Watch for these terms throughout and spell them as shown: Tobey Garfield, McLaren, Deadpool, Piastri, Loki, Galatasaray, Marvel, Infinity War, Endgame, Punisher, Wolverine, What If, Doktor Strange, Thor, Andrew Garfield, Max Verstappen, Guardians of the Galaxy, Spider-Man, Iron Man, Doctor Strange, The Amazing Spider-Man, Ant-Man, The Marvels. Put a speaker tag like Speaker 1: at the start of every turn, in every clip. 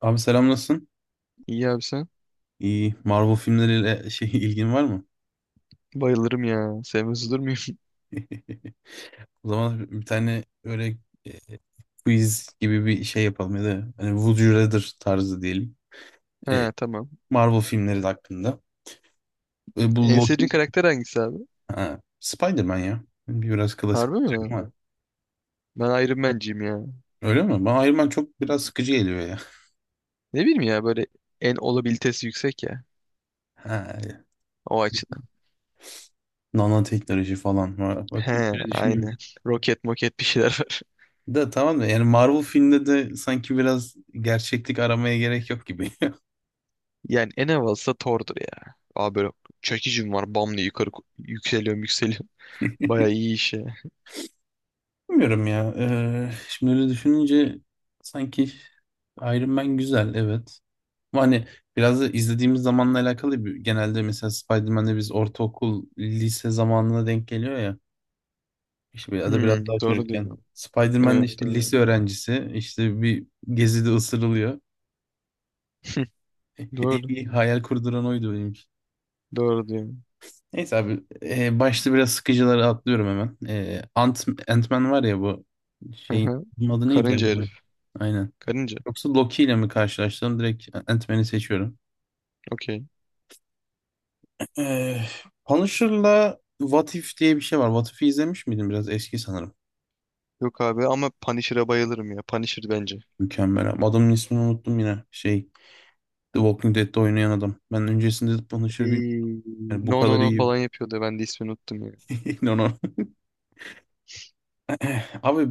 Speaker 1: Abi selam nasılsın?
Speaker 2: İyi abi sen.
Speaker 1: İyi. Marvel filmleriyle ilgin var mı?
Speaker 2: Bayılırım ya. Sevmez olur muyum?
Speaker 1: O zaman bir tane öyle e, quiz gibi bir şey yapalım ya da hani Would You Rather tarzı diyelim. E,
Speaker 2: He tamam.
Speaker 1: Marvel filmleri hakkında. Bu
Speaker 2: En
Speaker 1: Loki,
Speaker 2: sevdiğin karakter hangisi abi?
Speaker 1: ha, Spider-Man ya. Biraz klasik
Speaker 2: Harbi
Speaker 1: olacak
Speaker 2: mi?
Speaker 1: ama.
Speaker 2: Ben Iron Man'ciyim ya.
Speaker 1: Öyle mi? Bana Iron Man çok biraz sıkıcı geliyor ya.
Speaker 2: Ne bileyim ya böyle en olabilitesi yüksek ya.
Speaker 1: Ha,
Speaker 2: O açıdan.
Speaker 1: nanoteknoloji falan var. Bak bir
Speaker 2: He aynen.
Speaker 1: düşünmüyorum.
Speaker 2: Roket moket bir şeyler var.
Speaker 1: Da tamam da yani Marvel filmde de sanki biraz gerçeklik aramaya gerek yok gibi.
Speaker 2: Yani en havalısı da Thor'dur ya. Abi böyle çekicim var. Bam diye yukarı yükseliyorum yükseliyorum. Baya iyi iş ya.
Speaker 1: Bilmiyorum ya. Şimdi öyle düşününce sanki Iron Man güzel, evet. Ama hani biraz da izlediğimiz zamanla alakalı bir, genelde mesela Spider-Man'de biz ortaokul, lise zamanına denk geliyor ya. İşte ya da
Speaker 2: Hmm,
Speaker 1: biraz daha
Speaker 2: doğru diyor.
Speaker 1: çocukken. Spider-Man de
Speaker 2: Evet
Speaker 1: işte
Speaker 2: doğru.
Speaker 1: lise öğrencisi, işte bir gezide ısırılıyor.
Speaker 2: Doğru.
Speaker 1: En iyi hayal kurduran oydu benim için.
Speaker 2: Doğru diyor.
Speaker 1: Neyse abi, başta biraz sıkıcıları atlıyorum hemen. Ant-Man var ya bu
Speaker 2: Hı
Speaker 1: şeyin
Speaker 2: hı.
Speaker 1: bunun adı neydi
Speaker 2: Karınca
Speaker 1: ya bu?
Speaker 2: herif.
Speaker 1: Aynen.
Speaker 2: Karınca.
Speaker 1: Yoksa Loki ile mi karşılaştım? Direkt Ant-Man'i seçiyorum.
Speaker 2: Okey.
Speaker 1: Ee, Punisher'la What If diye bir şey var. What If'i izlemiş miydin? Biraz eski sanırım.
Speaker 2: Yok abi ama Punisher'a bayılırım ya. Punisher bence.
Speaker 1: Mükemmel abi. Adamın ismini unuttum yine. The Walking Dead'de oynayan adam. Ben öncesinde Punisher'ı bilmiyorum.
Speaker 2: Ee,
Speaker 1: Yani bu
Speaker 2: no no
Speaker 1: kadar
Speaker 2: no
Speaker 1: iyi.
Speaker 2: falan yapıyordu. Ben de ismini unuttum ya.
Speaker 1: No, no. Abi,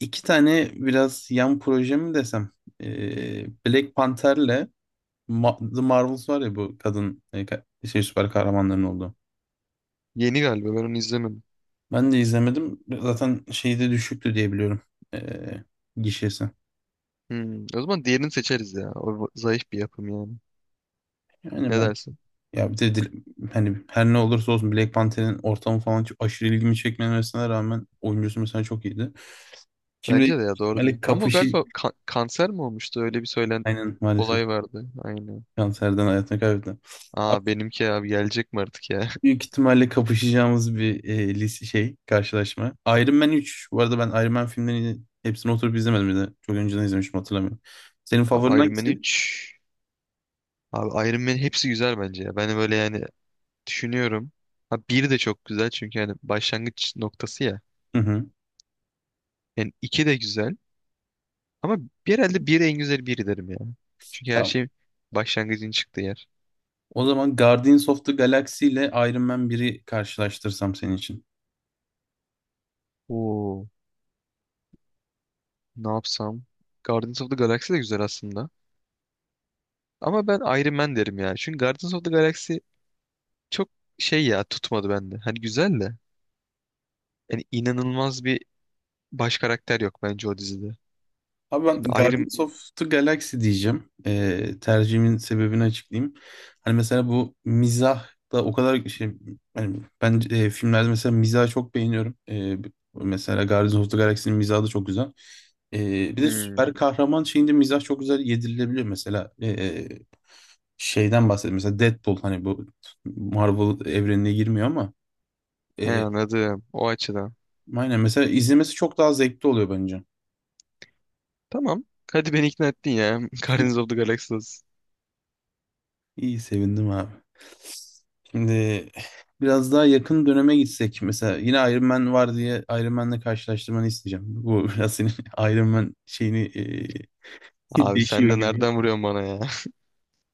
Speaker 1: iki tane biraz yan proje mi desem? Black Panther'le The Marvels var ya, bu kadın şey süper kahramanların olduğu.
Speaker 2: Yeni galiba ben onu izlemedim.
Speaker 1: Ben de izlemedim. Zaten şeyde düşüktü diye biliyorum. Ee, gişesi.
Speaker 2: Hmm, o zaman diğerini seçeriz ya. Zayıf bir yapım yani.
Speaker 1: Yani
Speaker 2: Ne
Speaker 1: ben,
Speaker 2: dersin?
Speaker 1: ya bir de hani her ne olursa olsun Black Panther'in ortamı falan çok aşırı ilgimi çekmemesine rağmen oyuncusu mesela çok iyiydi. Şimdi
Speaker 2: Bence de ya doğru diyorsun.
Speaker 1: böyle
Speaker 2: Ama o
Speaker 1: kapışı,
Speaker 2: galiba kanser mi olmuştu? Öyle bir söylen
Speaker 1: aynen maalesef
Speaker 2: olay vardı. Aynen.
Speaker 1: kanserden hayatını kaybetti. Abi,
Speaker 2: Aa benimki abi gelecek mi artık ya?
Speaker 1: büyük ihtimalle kapışacağımız bir şey karşılaşma. Iron Man üç. Bu arada ben Iron Man filmlerini hepsini oturup izlemedim bir de. Çok önceden izlemiştim, hatırlamıyorum. Senin favorin
Speaker 2: Abi Iron Man
Speaker 1: hangisi?
Speaker 2: 3. Abi Iron Man hepsi güzel bence ya. Ben böyle yani düşünüyorum. Ha bir de çok güzel çünkü yani başlangıç noktası ya.
Speaker 1: Hı hı.
Speaker 2: Yani iki de güzel. Ama herhalde biri en güzel biri derim ya. Çünkü her
Speaker 1: Tamam.
Speaker 2: şey başlangıcın çıktığı yer.
Speaker 1: O zaman Guardians of the Galaxy ile Iron Man 1'i karşılaştırsam senin için.
Speaker 2: Oo, ne yapsam? Guardians of the Galaxy de güzel aslında. Ama ben Iron Man derim ya. Çünkü Guardians of the Galaxy çok şey ya, tutmadı bende. Hani güzel de. Yani inanılmaz bir baş karakter yok bence o dizide.
Speaker 1: Abi ben
Speaker 2: Şimdi Iron...
Speaker 1: Guardians of the Galaxy diyeceğim. Tercihimin sebebini açıklayayım. Hani mesela bu mizah da o kadar şey, hani ben filmlerde mesela mizahı çok beğeniyorum. Mesela Guardians of the Galaxy'nin mizahı da çok güzel. Bir de süper
Speaker 2: Hmm,
Speaker 1: kahraman şeyinde mizah çok güzel yedirilebiliyor. Mesela şeyden bahsedeyim. Mesela Deadpool, hani bu Marvel evrenine girmiyor ama
Speaker 2: he
Speaker 1: e,
Speaker 2: anladım. O açıdan.
Speaker 1: aynen mesela izlemesi çok daha zevkli oluyor bence.
Speaker 2: Tamam. Hadi beni ikna ettin ya. Guardians of the Galaxy olsun.
Speaker 1: İyi, sevindim abi. Şimdi biraz daha yakın döneme gitsek, mesela yine Iron Man var diye Iron Man'le karşılaştırmanı isteyeceğim. Bu biraz senin Iron Man şeyini
Speaker 2: Abi sen
Speaker 1: değişiyor
Speaker 2: de
Speaker 1: gibi.
Speaker 2: nereden vuruyorsun bana ya?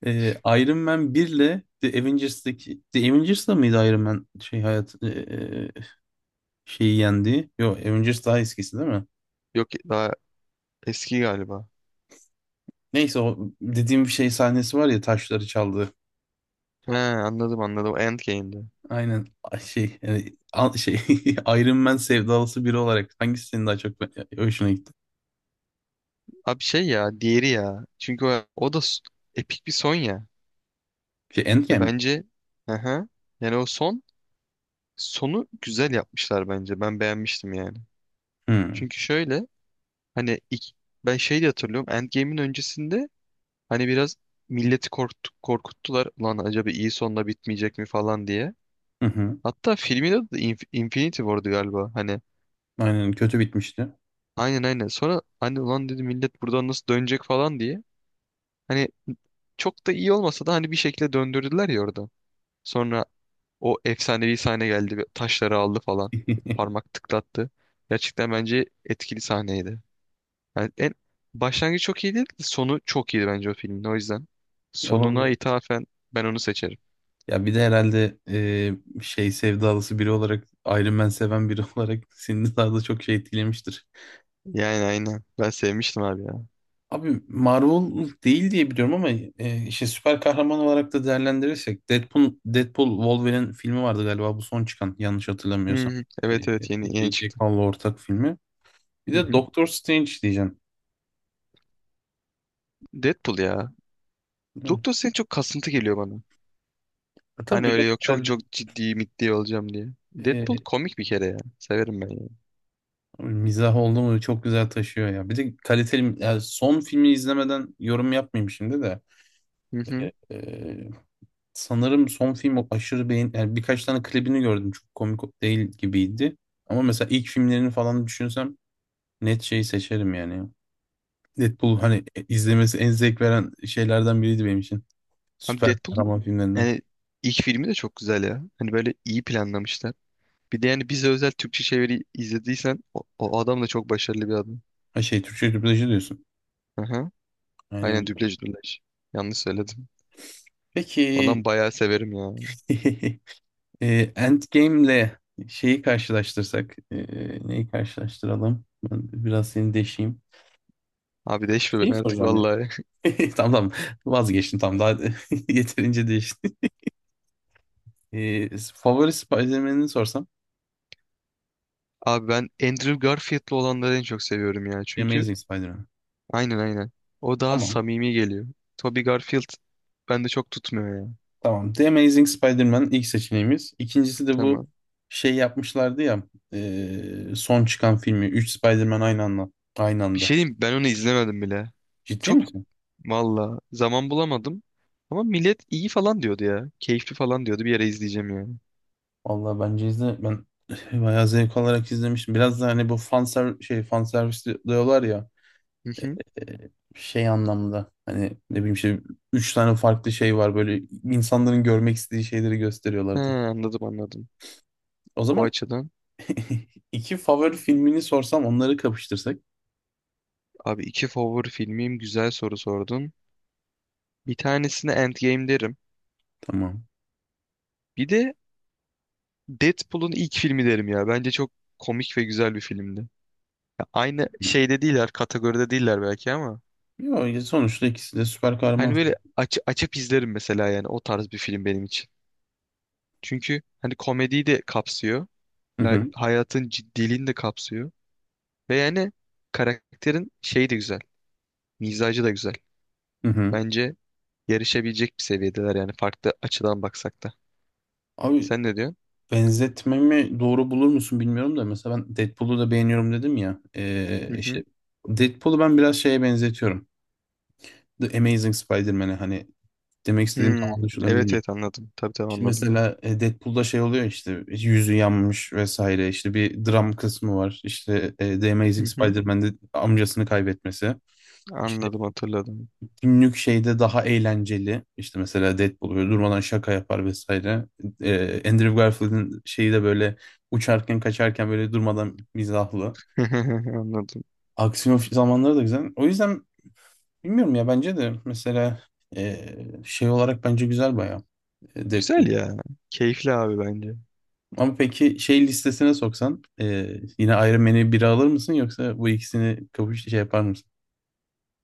Speaker 1: Iron Man 1 ile The Avengers'da mıydı Iron Man şey hayat şeyi yendi? Yok, Avengers daha eskisi değil mi?
Speaker 2: Yok daha eski galiba.
Speaker 1: Neyse, o dediğim şey sahnesi var ya, taşları çaldı.
Speaker 2: He, anladım anladım. Endgame'de.
Speaker 1: Aynen. Ay, şey yani, şey Iron Man sevdalısı biri olarak hangisi senin daha çok hoşuna gitti?
Speaker 2: Abi şey ya, diğeri ya. Çünkü o, o da epik bir son ya.
Speaker 1: Şey, Endgame
Speaker 2: Ya
Speaker 1: mi?
Speaker 2: bence, aha, yani o son, sonu güzel yapmışlar bence. Ben beğenmiştim yani.
Speaker 1: Hmm.
Speaker 2: Çünkü şöyle, hani ilk, ben şey de hatırlıyorum. Endgame'in öncesinde hani biraz milleti korktu, korkuttular. Ulan acaba iyi sonla bitmeyecek mi falan diye.
Speaker 1: Hı hı.
Speaker 2: Hatta filmin adı da Infinity War'du galiba. Hani
Speaker 1: Aynen, kötü bitmişti.
Speaker 2: aynen aynen. Sonra hani ulan dedi millet, buradan nasıl dönecek falan diye. Hani çok da iyi olmasa da hani bir şekilde döndürdüler ya orada. Sonra o efsanevi sahne geldi ve taşları aldı falan. Parmak tıklattı. Gerçekten bence etkili sahneydi. Yani en başlangıcı çok iyi değil, sonu çok iyiydi bence o filmin. O yüzden
Speaker 1: Ya,
Speaker 2: sonuna
Speaker 1: olabilir.
Speaker 2: ithafen ben onu seçerim.
Speaker 1: Ya bir de herhalde şey sevdalısı biri olarak, Iron Man seven biri olarak seni daha da çok şey etkilemiştir.
Speaker 2: Yani aynen. Ben sevmiştim abi ya.
Speaker 1: Abi Marvel değil diye biliyorum ama işte süper kahraman olarak da değerlendirirsek Deadpool, Deadpool Wolverine filmi vardı galiba bu son çıkan, yanlış
Speaker 2: Hı
Speaker 1: hatırlamıyorsam.
Speaker 2: hı. Evet evet yeni yeni
Speaker 1: Jack
Speaker 2: çıktı.
Speaker 1: Hall'la ortak filmi. Bir
Speaker 2: Hı
Speaker 1: de
Speaker 2: hı.
Speaker 1: Doktor Strange diyeceğim.
Speaker 2: Deadpool ya.
Speaker 1: Değil.
Speaker 2: Doktor Strange çok kasıntı geliyor bana.
Speaker 1: Tabii
Speaker 2: Hani
Speaker 1: biraz
Speaker 2: öyle, yok çok
Speaker 1: herhalde
Speaker 2: çok ciddi mitli olacağım diye. Deadpool
Speaker 1: e,
Speaker 2: komik bir kere ya. Severim ben ya.
Speaker 1: mizah oldu mu çok güzel taşıyor ya. Bir de kaliteli, yani son filmi izlemeden yorum yapmayayım şimdi de. E, e, sanırım son film o aşırı beğen, yani birkaç tane klibini gördüm, çok komik değil gibiydi. Ama mesela ilk filmlerini falan düşünsem net şeyi seçerim yani. Deadpool hani izlemesi en zevk veren şeylerden biriydi benim için.
Speaker 2: Abi
Speaker 1: Süper
Speaker 2: Deadpool'un
Speaker 1: kahraman filmlerinden.
Speaker 2: yani ilk filmi de çok güzel ya. Hani böyle iyi planlamışlar. Bir de yani bize özel Türkçe çeviri izlediysen, o, o adam da çok başarılı bir adam.
Speaker 1: Ha, şey, Türkçe dublajı diyorsun.
Speaker 2: Aha. Aynen,
Speaker 1: Aynen.
Speaker 2: dublaj dublaj. Yanlış söyledim.
Speaker 1: Peki.
Speaker 2: Adam bayağı severim ya.
Speaker 1: Endgame'le şeyi karşılaştırsak, neyi karşılaştıralım? Ben biraz seni deşeyim.
Speaker 2: Abi değişme
Speaker 1: Şeyi
Speaker 2: ben artık
Speaker 1: soracağım ya.
Speaker 2: vallahi.
Speaker 1: Tamam tamam, vazgeçtim tamam, daha yeterince değişti. Favori Spider-Man'ini sorsam?
Speaker 2: Abi ben Andrew Garfield'lı olanları en çok seviyorum ya.
Speaker 1: The
Speaker 2: Çünkü
Speaker 1: Amazing Spider-Man.
Speaker 2: aynen aynen. O daha
Speaker 1: Tamam.
Speaker 2: samimi geliyor. Tobey Garfield bende çok tutmuyor ya.
Speaker 1: Tamam. The Amazing Spider-Man ilk seçeneğimiz. İkincisi de bu
Speaker 2: Tamam.
Speaker 1: şey yapmışlardı ya son çıkan filmi. Üç Spider-Man aynı anda. Aynı
Speaker 2: Bir
Speaker 1: anda.
Speaker 2: şey diyeyim mi? Ben onu izlemedim bile.
Speaker 1: Ciddi
Speaker 2: Çok,
Speaker 1: misin?
Speaker 2: valla zaman bulamadım. Ama millet iyi falan diyordu ya. Keyifli falan diyordu. Bir yere izleyeceğim yani.
Speaker 1: Vallahi bence izle, ben bayağı zevk alarak izlemiştim. Biraz da hani bu fan ser şey, fan servis diyorlar ya
Speaker 2: Hı hı.
Speaker 1: şey anlamda, hani ne bileyim şey, üç tane farklı şey var böyle, insanların görmek istediği şeyleri
Speaker 2: He,
Speaker 1: gösteriyorlardı.
Speaker 2: anladım anladım.
Speaker 1: O
Speaker 2: O
Speaker 1: zaman
Speaker 2: açıdan.
Speaker 1: iki favori filmini sorsam, onları kapıştırsak.
Speaker 2: Abi iki favori filmim, güzel soru sordun. Bir tanesine Endgame derim.
Speaker 1: Tamam.
Speaker 2: Bir de Deadpool'un ilk filmi derim ya. Bence çok komik ve güzel bir filmdi. Ya aynı
Speaker 1: Hı.
Speaker 2: şeyde değiller, kategoride değiller belki ama.
Speaker 1: Yo, sonuçta ikisi de süper kahraman
Speaker 2: Hani
Speaker 1: film.
Speaker 2: böyle açıp izlerim mesela, yani o tarz bir film benim için. Çünkü hani komediyi de kapsıyor.
Speaker 1: Hı
Speaker 2: Ya
Speaker 1: hı.
Speaker 2: hayatın ciddiliğini de kapsıyor. Ve yani karakterin şeyi de güzel. Mizacı da güzel.
Speaker 1: Hı hı.
Speaker 2: Bence yarışabilecek bir seviyedeler yani, farklı açıdan baksak da.
Speaker 1: Abi,
Speaker 2: Sen ne diyorsun?
Speaker 1: benzetmemi doğru bulur musun bilmiyorum da, mesela ben Deadpool'u da beğeniyorum dedim ya.
Speaker 2: Hı hı.
Speaker 1: İşte Deadpool'u ben biraz şeye benzetiyorum. The Amazing Spider-Man'e, hani demek istediğim tam
Speaker 2: Hmm,
Speaker 1: anlaşılan
Speaker 2: evet
Speaker 1: bilmiyorum.
Speaker 2: evet anladım. Tabii tabii
Speaker 1: Şimdi
Speaker 2: anladım.
Speaker 1: mesela Deadpool'da şey oluyor, işte yüzü yanmış vesaire, işte bir dram kısmı var. İşte The
Speaker 2: Hı
Speaker 1: Amazing
Speaker 2: hı.
Speaker 1: Spider-Man'de amcasını kaybetmesi. İşte
Speaker 2: Anladım, hatırladım.
Speaker 1: günlük şeyde daha eğlenceli. İşte mesela Deadpool böyle durmadan şaka yapar vesaire. Andrew Garfield'in şeyi de böyle uçarken kaçarken böyle durmadan mizahlı.
Speaker 2: Anladım.
Speaker 1: Aksiyon zamanları da güzel. O yüzden bilmiyorum ya, bence de mesela ee, şey olarak bence güzel bayağı, Deadpool.
Speaker 2: Güzel ya. Keyifli abi bence.
Speaker 1: Ama peki şey listesine soksan yine Iron Man'i biri alır mısın, yoksa bu ikisini kapış şey yapar mısın?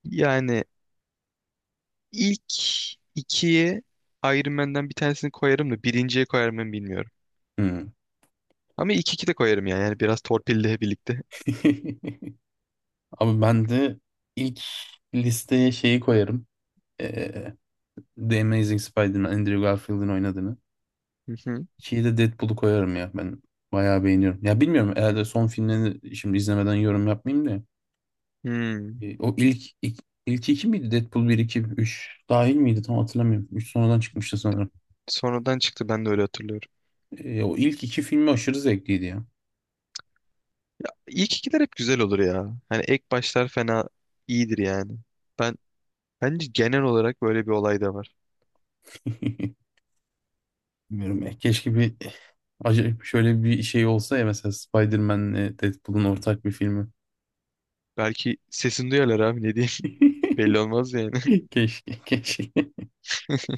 Speaker 2: Yani ilk ikiye Iron Man'den bir tanesini koyarım da birinciye koyar mıyım bilmiyorum.
Speaker 1: Hmm.
Speaker 2: Ama ilk iki de koyarım yani. Yani biraz torpille birlikte.
Speaker 1: Abi ben de ilk listeye şeyi koyarım. Ee, The Amazing Spider-Man, Andrew Garfield'in oynadığını.
Speaker 2: Hı hı.
Speaker 1: İkiyi de Deadpool'u koyarım ya. Ben bayağı beğeniyorum. Ya bilmiyorum, herhalde son filmlerini şimdi izlemeden yorum yapmayayım da.
Speaker 2: Hmm.
Speaker 1: O ilk iki miydi? Deadpool bir 2 3 dahil miydi? Tam hatırlamıyorum. 3 sonradan çıkmıştı sanırım.
Speaker 2: Sonradan çıktı, ben de öyle hatırlıyorum.
Speaker 1: O ilk iki filmi aşırı zevkliydi ya.
Speaker 2: İlk ikiler hep güzel olur ya. Hani ek başlar fena iyidir yani. Ben bence genel olarak böyle bir olay da var.
Speaker 1: Bilmiyorum ya. Keşke bir acayip şöyle bir şey olsa ya, mesela Spider-Man'le Deadpool'un ortak bir filmi.
Speaker 2: Belki sesini duyarlar abi, ne diyeyim. Belli olmaz yani.
Speaker 1: Keşke, keşke.